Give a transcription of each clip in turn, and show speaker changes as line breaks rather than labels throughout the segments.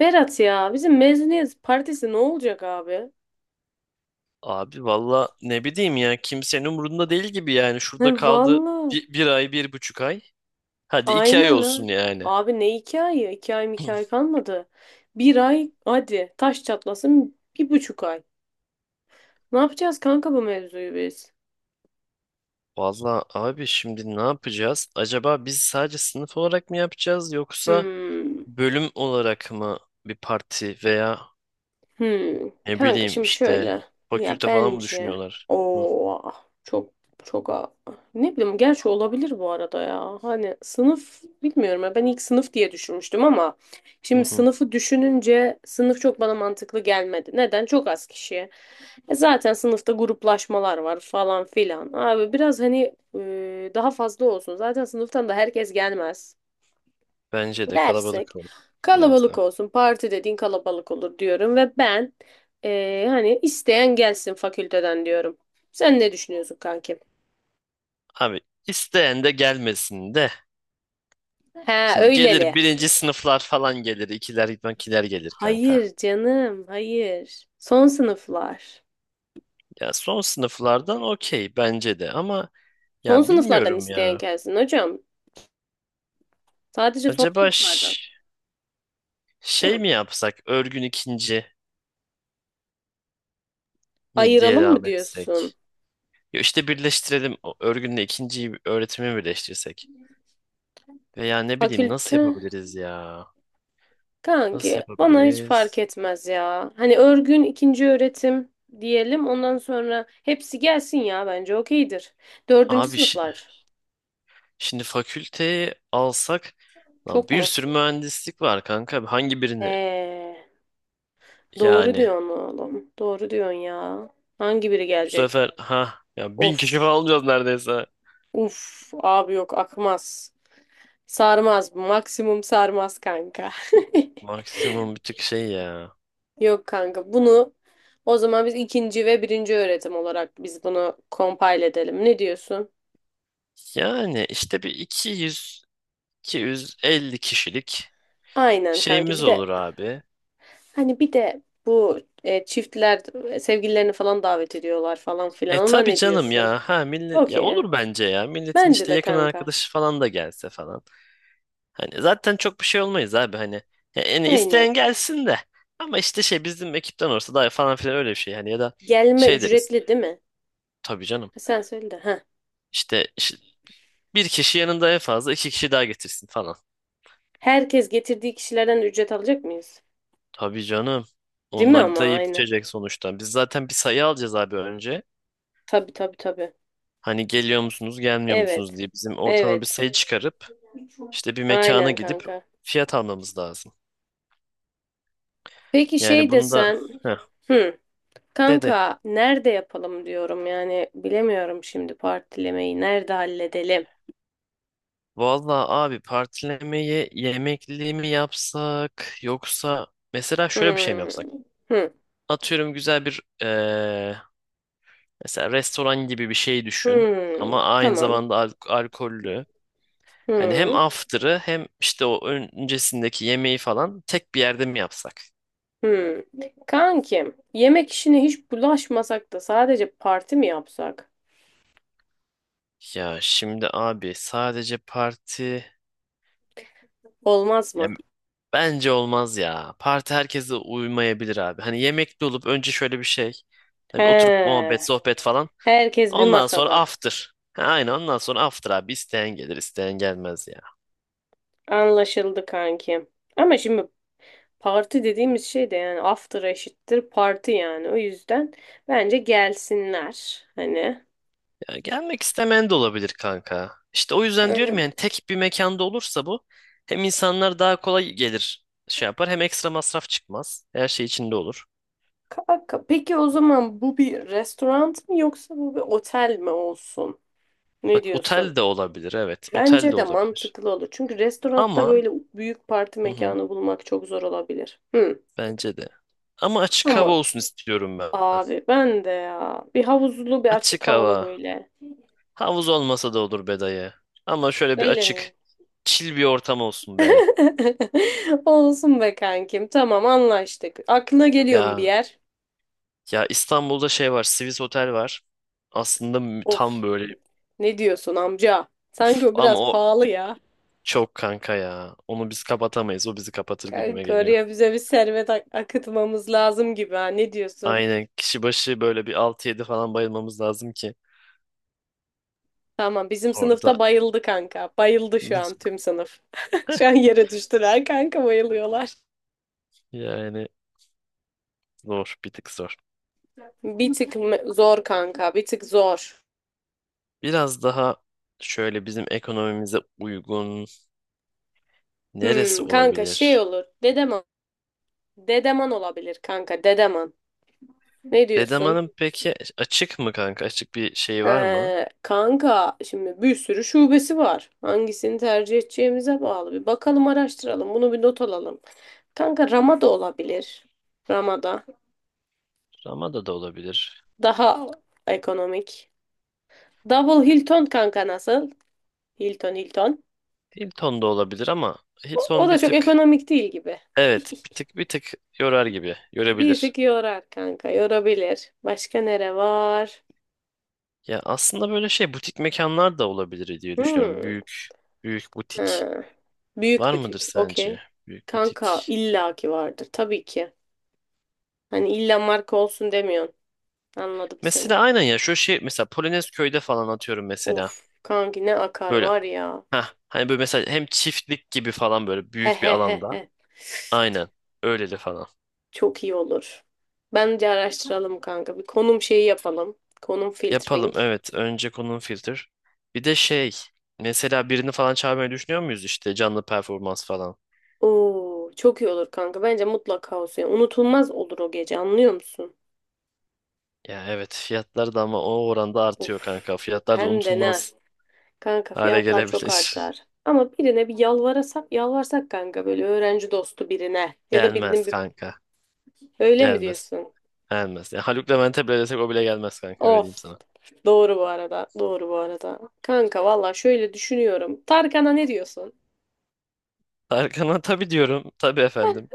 Berat ya bizim mezuniyet partisi ne olacak abi?
Abi valla ne bileyim ya kimsenin umurunda değil gibi yani
He
şurada kaldı
valla.
bir ay 1,5 ay hadi 2 ay
Aynen
olsun
ha.
yani.
Abi ne iki ay? İki ay mı iki ay kalmadı. Bir ay hadi taş çatlasın bir buçuk ay. Ne yapacağız kanka bu mevzuyu biz?
Valla abi şimdi ne yapacağız? Acaba biz sadece sınıf olarak mı yapacağız yoksa
Hmm.
bölüm olarak mı bir parti veya
Hmm.
ne
Kanka
bileyim
şimdi
işte
şöyle. Ya
fakülte falan mı
bence
düşünüyorlar? Hı,
o çok çok ne bileyim gerçi olabilir bu arada ya. Hani sınıf bilmiyorum ya ben ilk sınıf diye düşünmüştüm ama
hı,
şimdi
hı.
sınıfı düşününce sınıf çok bana mantıklı gelmedi. Neden? Çok az kişi. E zaten sınıfta gruplaşmalar var falan filan. Abi biraz hani daha fazla olsun. Zaten sınıftan da herkes gelmez
Bence de
dersek
kalabalık olur biraz
kalabalık
da.
olsun. Parti dediğin kalabalık olur diyorum ve ben hani isteyen gelsin fakülteden diyorum. Sen ne düşünüyorsun kankim?
Abi isteyen de gelmesin de.
Ha
Şimdi gelir
öyleli.
birinci sınıflar falan gelir, ikiler gelir kanka.
Hayır canım, hayır. Son sınıflar.
Ya son sınıflardan okey bence de ama
Son
ya
sınıflardan
bilmiyorum
isteyen
ya.
gelsin hocam. Sadece son
Acaba
sınıflardan.
şey
Hı.
mi yapsak örgün ikinci mi diye
Ayıralım mı
devam
diyorsun?
etsek? Ya işte birleştirelim o örgünle ikinciyi öğretimi birleştirsek. Veya ne bileyim nasıl
Fakülte.
yapabiliriz ya? Nasıl
Kanki bana hiç fark
yapabiliriz?
etmez ya. Hani örgün ikinci öğretim diyelim. Ondan sonra hepsi gelsin ya bence okeydir. Dördüncü
Abi
sınıflar.
şimdi fakülteyi alsak lan
Çok
bir
mu?
sürü mühendislik var kanka. Hangi birini
Ee, doğru
yani?
diyorsun oğlum. Doğru diyorsun ya. Hangi biri
Bu
gelecek?
sefer ha ya 1.000 kişi
Of.
falan alacağız neredeyse.
Uf. Abi yok akmaz. Sarmaz. Maksimum sarmaz kanka.
Maksimum bir tık şey ya.
Yok kanka. Bunu o zaman biz ikinci ve birinci öğretim olarak biz bunu compile edelim. Ne diyorsun?
Yani işte bir iki iki yüz 250 kişilik
Aynen kanki.
şeyimiz
Bir
olur
de
abi.
Hani bir de bu çiftler sevgililerini falan davet ediyorlar falan
E
filan. Ona
tabii
ne
canım
diyorsun?
ya. Ha millet ya
Okey.
olur bence ya. Milletin
Bence
işte
de
yakın
kanka.
arkadaşı falan da gelse falan. Hani zaten çok bir şey olmayız abi hani. Ya yani
Aynen.
isteyen gelsin de. Ama işte şey bizim ekipten olursa daha falan filan öyle bir şey hani ya da
Gelme
şey deriz.
ücretli değil mi?
Tabii canım.
Ha, sen söyle de. Ha.
İşte, işte bir kişi yanında en fazla iki kişi daha getirsin falan.
Herkes getirdiği kişilerden ücret alacak mıyız?
Tabii canım.
Değil mi
Onlar da
ama
yiyip
aynen.
içecek sonuçta. Biz zaten bir sayı alacağız abi önce.
Tabii tabii tabii.
Hani geliyor musunuz, gelmiyor musunuz
Evet.
diye bizim ortama bir
Evet.
sayı çıkarıp işte bir mekana
Aynen
gidip
kanka.
fiyat almamız lazım.
Peki
Yani
şey
bunu da
desen.
heh,
Hı.
dedi.
Kanka nerede yapalım diyorum yani bilemiyorum şimdi partilemeyi nerede halledelim.
Vallahi abi partilemeye yemekli mi yapsak yoksa mesela şöyle bir şey mi
Hı.
yapsak?
Hı.
Atıyorum güzel bir mesela restoran gibi bir şey düşün
Hmm,
ama aynı
tamam.
zamanda alkollü. Hani hem
Hmm,
after'ı hem işte o öncesindeki yemeği falan tek bir yerde mi yapsak?
hmm. Kankim, yemek işine hiç bulaşmasak da sadece parti mi yapsak?
Ya şimdi abi sadece parti
Olmaz
ya
mı?
bence olmaz ya. Parti herkese uymayabilir abi. Hani yemekli olup önce şöyle bir şey. Hani bir oturup
He,
muhabbet, sohbet falan.
herkes bir
Ondan sonra
masada.
after. Ha, aynen ondan sonra after abi. İsteyen gelir, isteyen gelmez ya.
Anlaşıldı kankim. Ama şimdi parti dediğimiz şey de yani after eşittir parti yani. O yüzden bence gelsinler. Hani
Ya gelmek istemeyen de olabilir kanka. İşte o yüzden
öyle
diyorum
mi
yani
diyorsun?
tek bir mekanda olursa bu hem insanlar daha kolay gelir şey yapar hem ekstra masraf çıkmaz. Her şey içinde olur.
Kanka, peki o zaman bu bir restoran mı yoksa bu bir otel mi olsun? Ne
Bak
diyorsun?
otel de olabilir evet. Otel
Bence
de
de
olabilir.
mantıklı olur. Çünkü restoranda
Ama
böyle büyük parti
hı hı,
mekanı bulmak çok zor olabilir. Hı.
bence de. Ama açık hava
Ama
olsun istiyorum ben.
abi ben de ya bir havuzlu bir açık
Açık
havalı
hava.
böyle.
Havuz olmasa da olur be dayı. Ama şöyle bir
Öyle
açık,
mi?
chill bir ortam olsun be.
Olsun be kankim. Tamam anlaştık. Aklına geliyor mu bir
Ya
yer?
ya İstanbul'da şey var, Swiss Otel var. Aslında tam
Of
böyle
ne diyorsun amca?
uf,
Sanki o
ama
biraz
o
pahalı ya.
çok kanka ya. Onu biz kapatamayız. O bizi kapatır gibime
Kanka
geliyor.
oraya bize bir servet akıtmamız lazım gibi ha. Ne diyorsun?
Aynen kişi başı böyle bir 6 yedi falan bayılmamız lazım ki
Tamam bizim
orada
sınıfta bayıldı kanka. Bayıldı şu an
biz
tüm sınıf. Şu an yere düştüler kanka bayılıyorlar.
yani zor, bir tık zor.
Bir tık zor kanka bir tık zor.
Biraz daha şöyle bizim ekonomimize uygun neresi
Hmm, kanka şey
olabilir?
olur. Dedeman olabilir kanka Dedeman. Ne diyorsun?
Dedeman'ın peki açık mı kanka? Açık bir şey var mı?
Kanka şimdi bir sürü şubesi var. Hangisini tercih edeceğimize bağlı. Bir bakalım araştıralım. Bunu bir not alalım. Kanka Ramada olabilir. Ramada.
Ramada da olabilir.
Daha ekonomik. Double Hilton kanka nasıl? Hilton Hilton.
Hilton da olabilir ama
O
Hilton bir
da çok
tık
ekonomik değil gibi.
evet bir tık yorar gibi görebilir.
Bizik yorar kanka, yorabilir. Başka nere var?
Ya aslında böyle şey butik mekanlar da olabilir diye düşünüyorum.
Hmm.
Büyük büyük butik
Ha. Büyük
var mıdır
butik.
sence?
Okey.
Büyük
Kanka
butik.
illaki vardır tabii ki. Hani illa marka olsun demiyorsun. Anladım seni.
Mesela aynen ya şu şey mesela Polonez köyde falan atıyorum
Of
mesela.
kanki ne akar
Böyle
var ya.
ha hani böyle mesela hem çiftlik gibi falan böyle
He
büyük bir
he he
alanda.
he.
Aynen öyleli falan.
Çok iyi olur. Bence araştıralım kanka. Bir konum şeyi yapalım. Konum
Yapalım
filtering.
evet. Önce konum filter. Bir de şey mesela birini falan çağırmayı düşünüyor muyuz işte canlı performans falan.
Oo, çok iyi olur kanka. Bence mutlaka olsun. Yani unutulmaz olur o gece anlıyor musun?
Ya evet fiyatlar da ama o oranda artıyor
Uf,
kanka. Fiyatlar da
hem de ne.
unutulmaz
Kanka
hale
fiyatlar çok
gelebilir.
artar. Ama birine bir yalvarsak kanka böyle öğrenci dostu birine ya da
Gelmez
birinin bir
kanka.
öyle mi
Gelmez.
diyorsun?
Gelmez. Ya Haluk Levent'e bile desek o bile gelmez kanka öyle diyeyim
Of.
sana.
Doğru bu arada. Doğru bu arada. Kanka valla şöyle düşünüyorum. Tarkan'a ne diyorsun?
Tarkan'a tabii diyorum. Tabii efendim.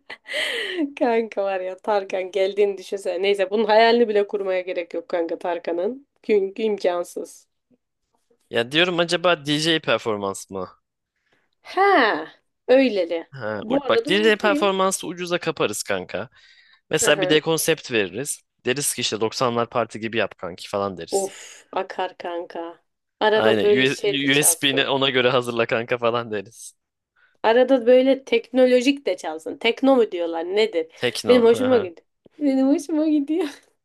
Kanka var ya Tarkan geldiğini düşünsene. Neyse bunun hayalini bile kurmaya gerek yok kanka Tarkan'ın. Çünkü imkansız.
Ya diyorum acaba DJ performans mı?
Ha, öyleli.
Ha,
Bu
bak
arada
DJ
okey.
performansı ucuza kaparız kanka. Mesela bir de
Aha.
konsept veririz. Deriz ki işte 90'lar parti gibi yap kanki falan deriz.
Of akar kanka. Arada
Aynen.
böyle şey de
USB'ni
çalsın.
ona göre hazırla kanka falan deriz.
Arada böyle teknolojik de çalsın. Tekno mu diyorlar nedir?
Tekno.
Benim hoşuma
Aha.
gidiyor. Benim hoşuma gidiyor.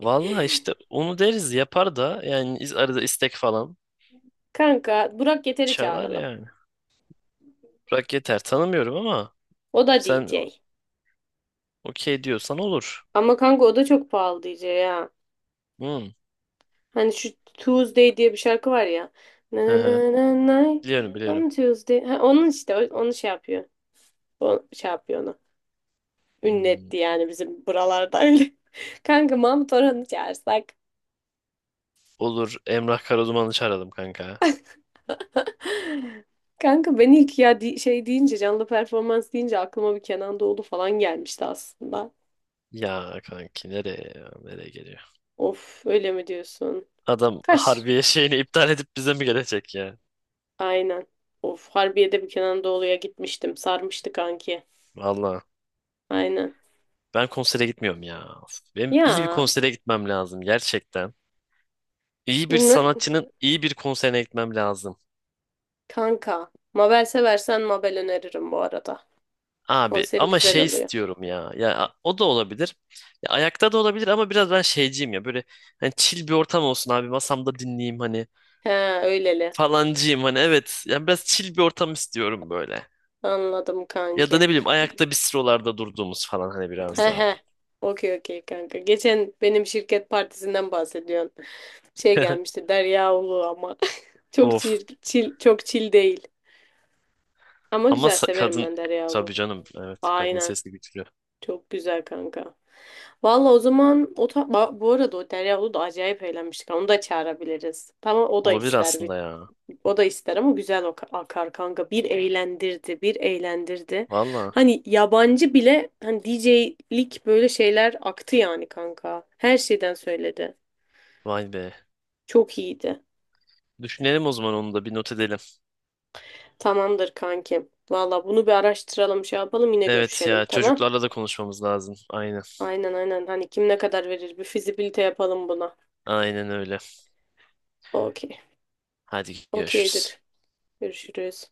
Vallahi işte onu deriz yapar da yani arada istek falan
Kanka Burak Yeter'i
çalar
çağıralım.
yani. Bırak yeter tanımıyorum ama
O da
sen
DJ.
okey diyorsan olur.
Ama kanka o da çok pahalı DJ ya.
Hmm.
Hani şu Tuesday diye bir şarkı var ya. Na
Hı
na
hı.
na na na.
Biliyorum biliyorum.
I'm Tuesday. Ha, onun işte onu şey yapıyor. O şey yapıyor onu.
Hmm.
Ünletti yani bizim buralarda öyle. Kanka Mahmut Orhan'ı çağırsak.
Olur Emrah Karaduman'ı çağıralım kanka.
Kanka ben ilk ya şey deyince canlı performans deyince aklıma bir Kenan Doğulu falan gelmişti aslında.
Ya kanki nereye ya, nereye geliyor?
Of öyle mi diyorsun?
Adam
Kaş.
Harbiye şeyini iptal edip bize mi gelecek ya?
Aynen. Of Harbiye'de bir Kenan Doğulu'ya gitmiştim. Sarmıştı kanki.
Vallahi.
Aynen.
Ben konsere gitmiyorum ya. Of, benim iyi bir
Ya
konsere gitmem lazım gerçekten. İyi bir
ne-
sanatçının iyi bir konserine gitmem lazım.
kanka. Mabel seversen Mabel öneririm bu arada.
Abi
Konseri
ama
güzel
şey
oluyor.
istiyorum ya. Ya o da olabilir. Ya, ayakta da olabilir ama biraz ben şeyciyim ya. Böyle hani chill bir ortam olsun abi. Masamda dinleyeyim hani
He öyleli.
falancıyım hani evet. Yani biraz chill bir ortam istiyorum böyle.
Anladım
Ya da
kanki.
ne bileyim ayakta bistrolarda durduğumuz falan hani
He
biraz daha.
he. Okey okey kanka. Geçen benim şirket partisinden bahsediyorsun. Şey gelmişti Derya Ulu ama. Çok çil,
Of.
çil, çok çil değil. Ama
Ama
güzel severim
kadın
ben Derya
tabii
Ulu.
canım evet kadın
Aynen.
sesi güçlü.
Çok güzel kanka. Valla o zaman bu arada o Derya Ulu da acayip eğlenmiştik. Onu da çağırabiliriz. Tamam.
Olabilir aslında ya.
O da ister ama güzel o akar kanka. Bir eğlendirdi, bir eğlendirdi.
Valla.
Hani yabancı bile hani DJ'lik böyle şeyler aktı yani kanka. Her şeyden söyledi.
Vay be.
Çok iyiydi.
Düşünelim o zaman onu da bir not edelim.
Tamamdır kankim. Valla bunu bir araştıralım, şey yapalım yine
Evet
görüşelim
ya
tamam?
çocuklarla da konuşmamız lazım. Aynen.
Aynen aynen. Hani kim ne kadar verir bir fizibilite yapalım buna.
Aynen öyle.
Okey.
Hadi görüşürüz.
Okeydir. Görüşürüz.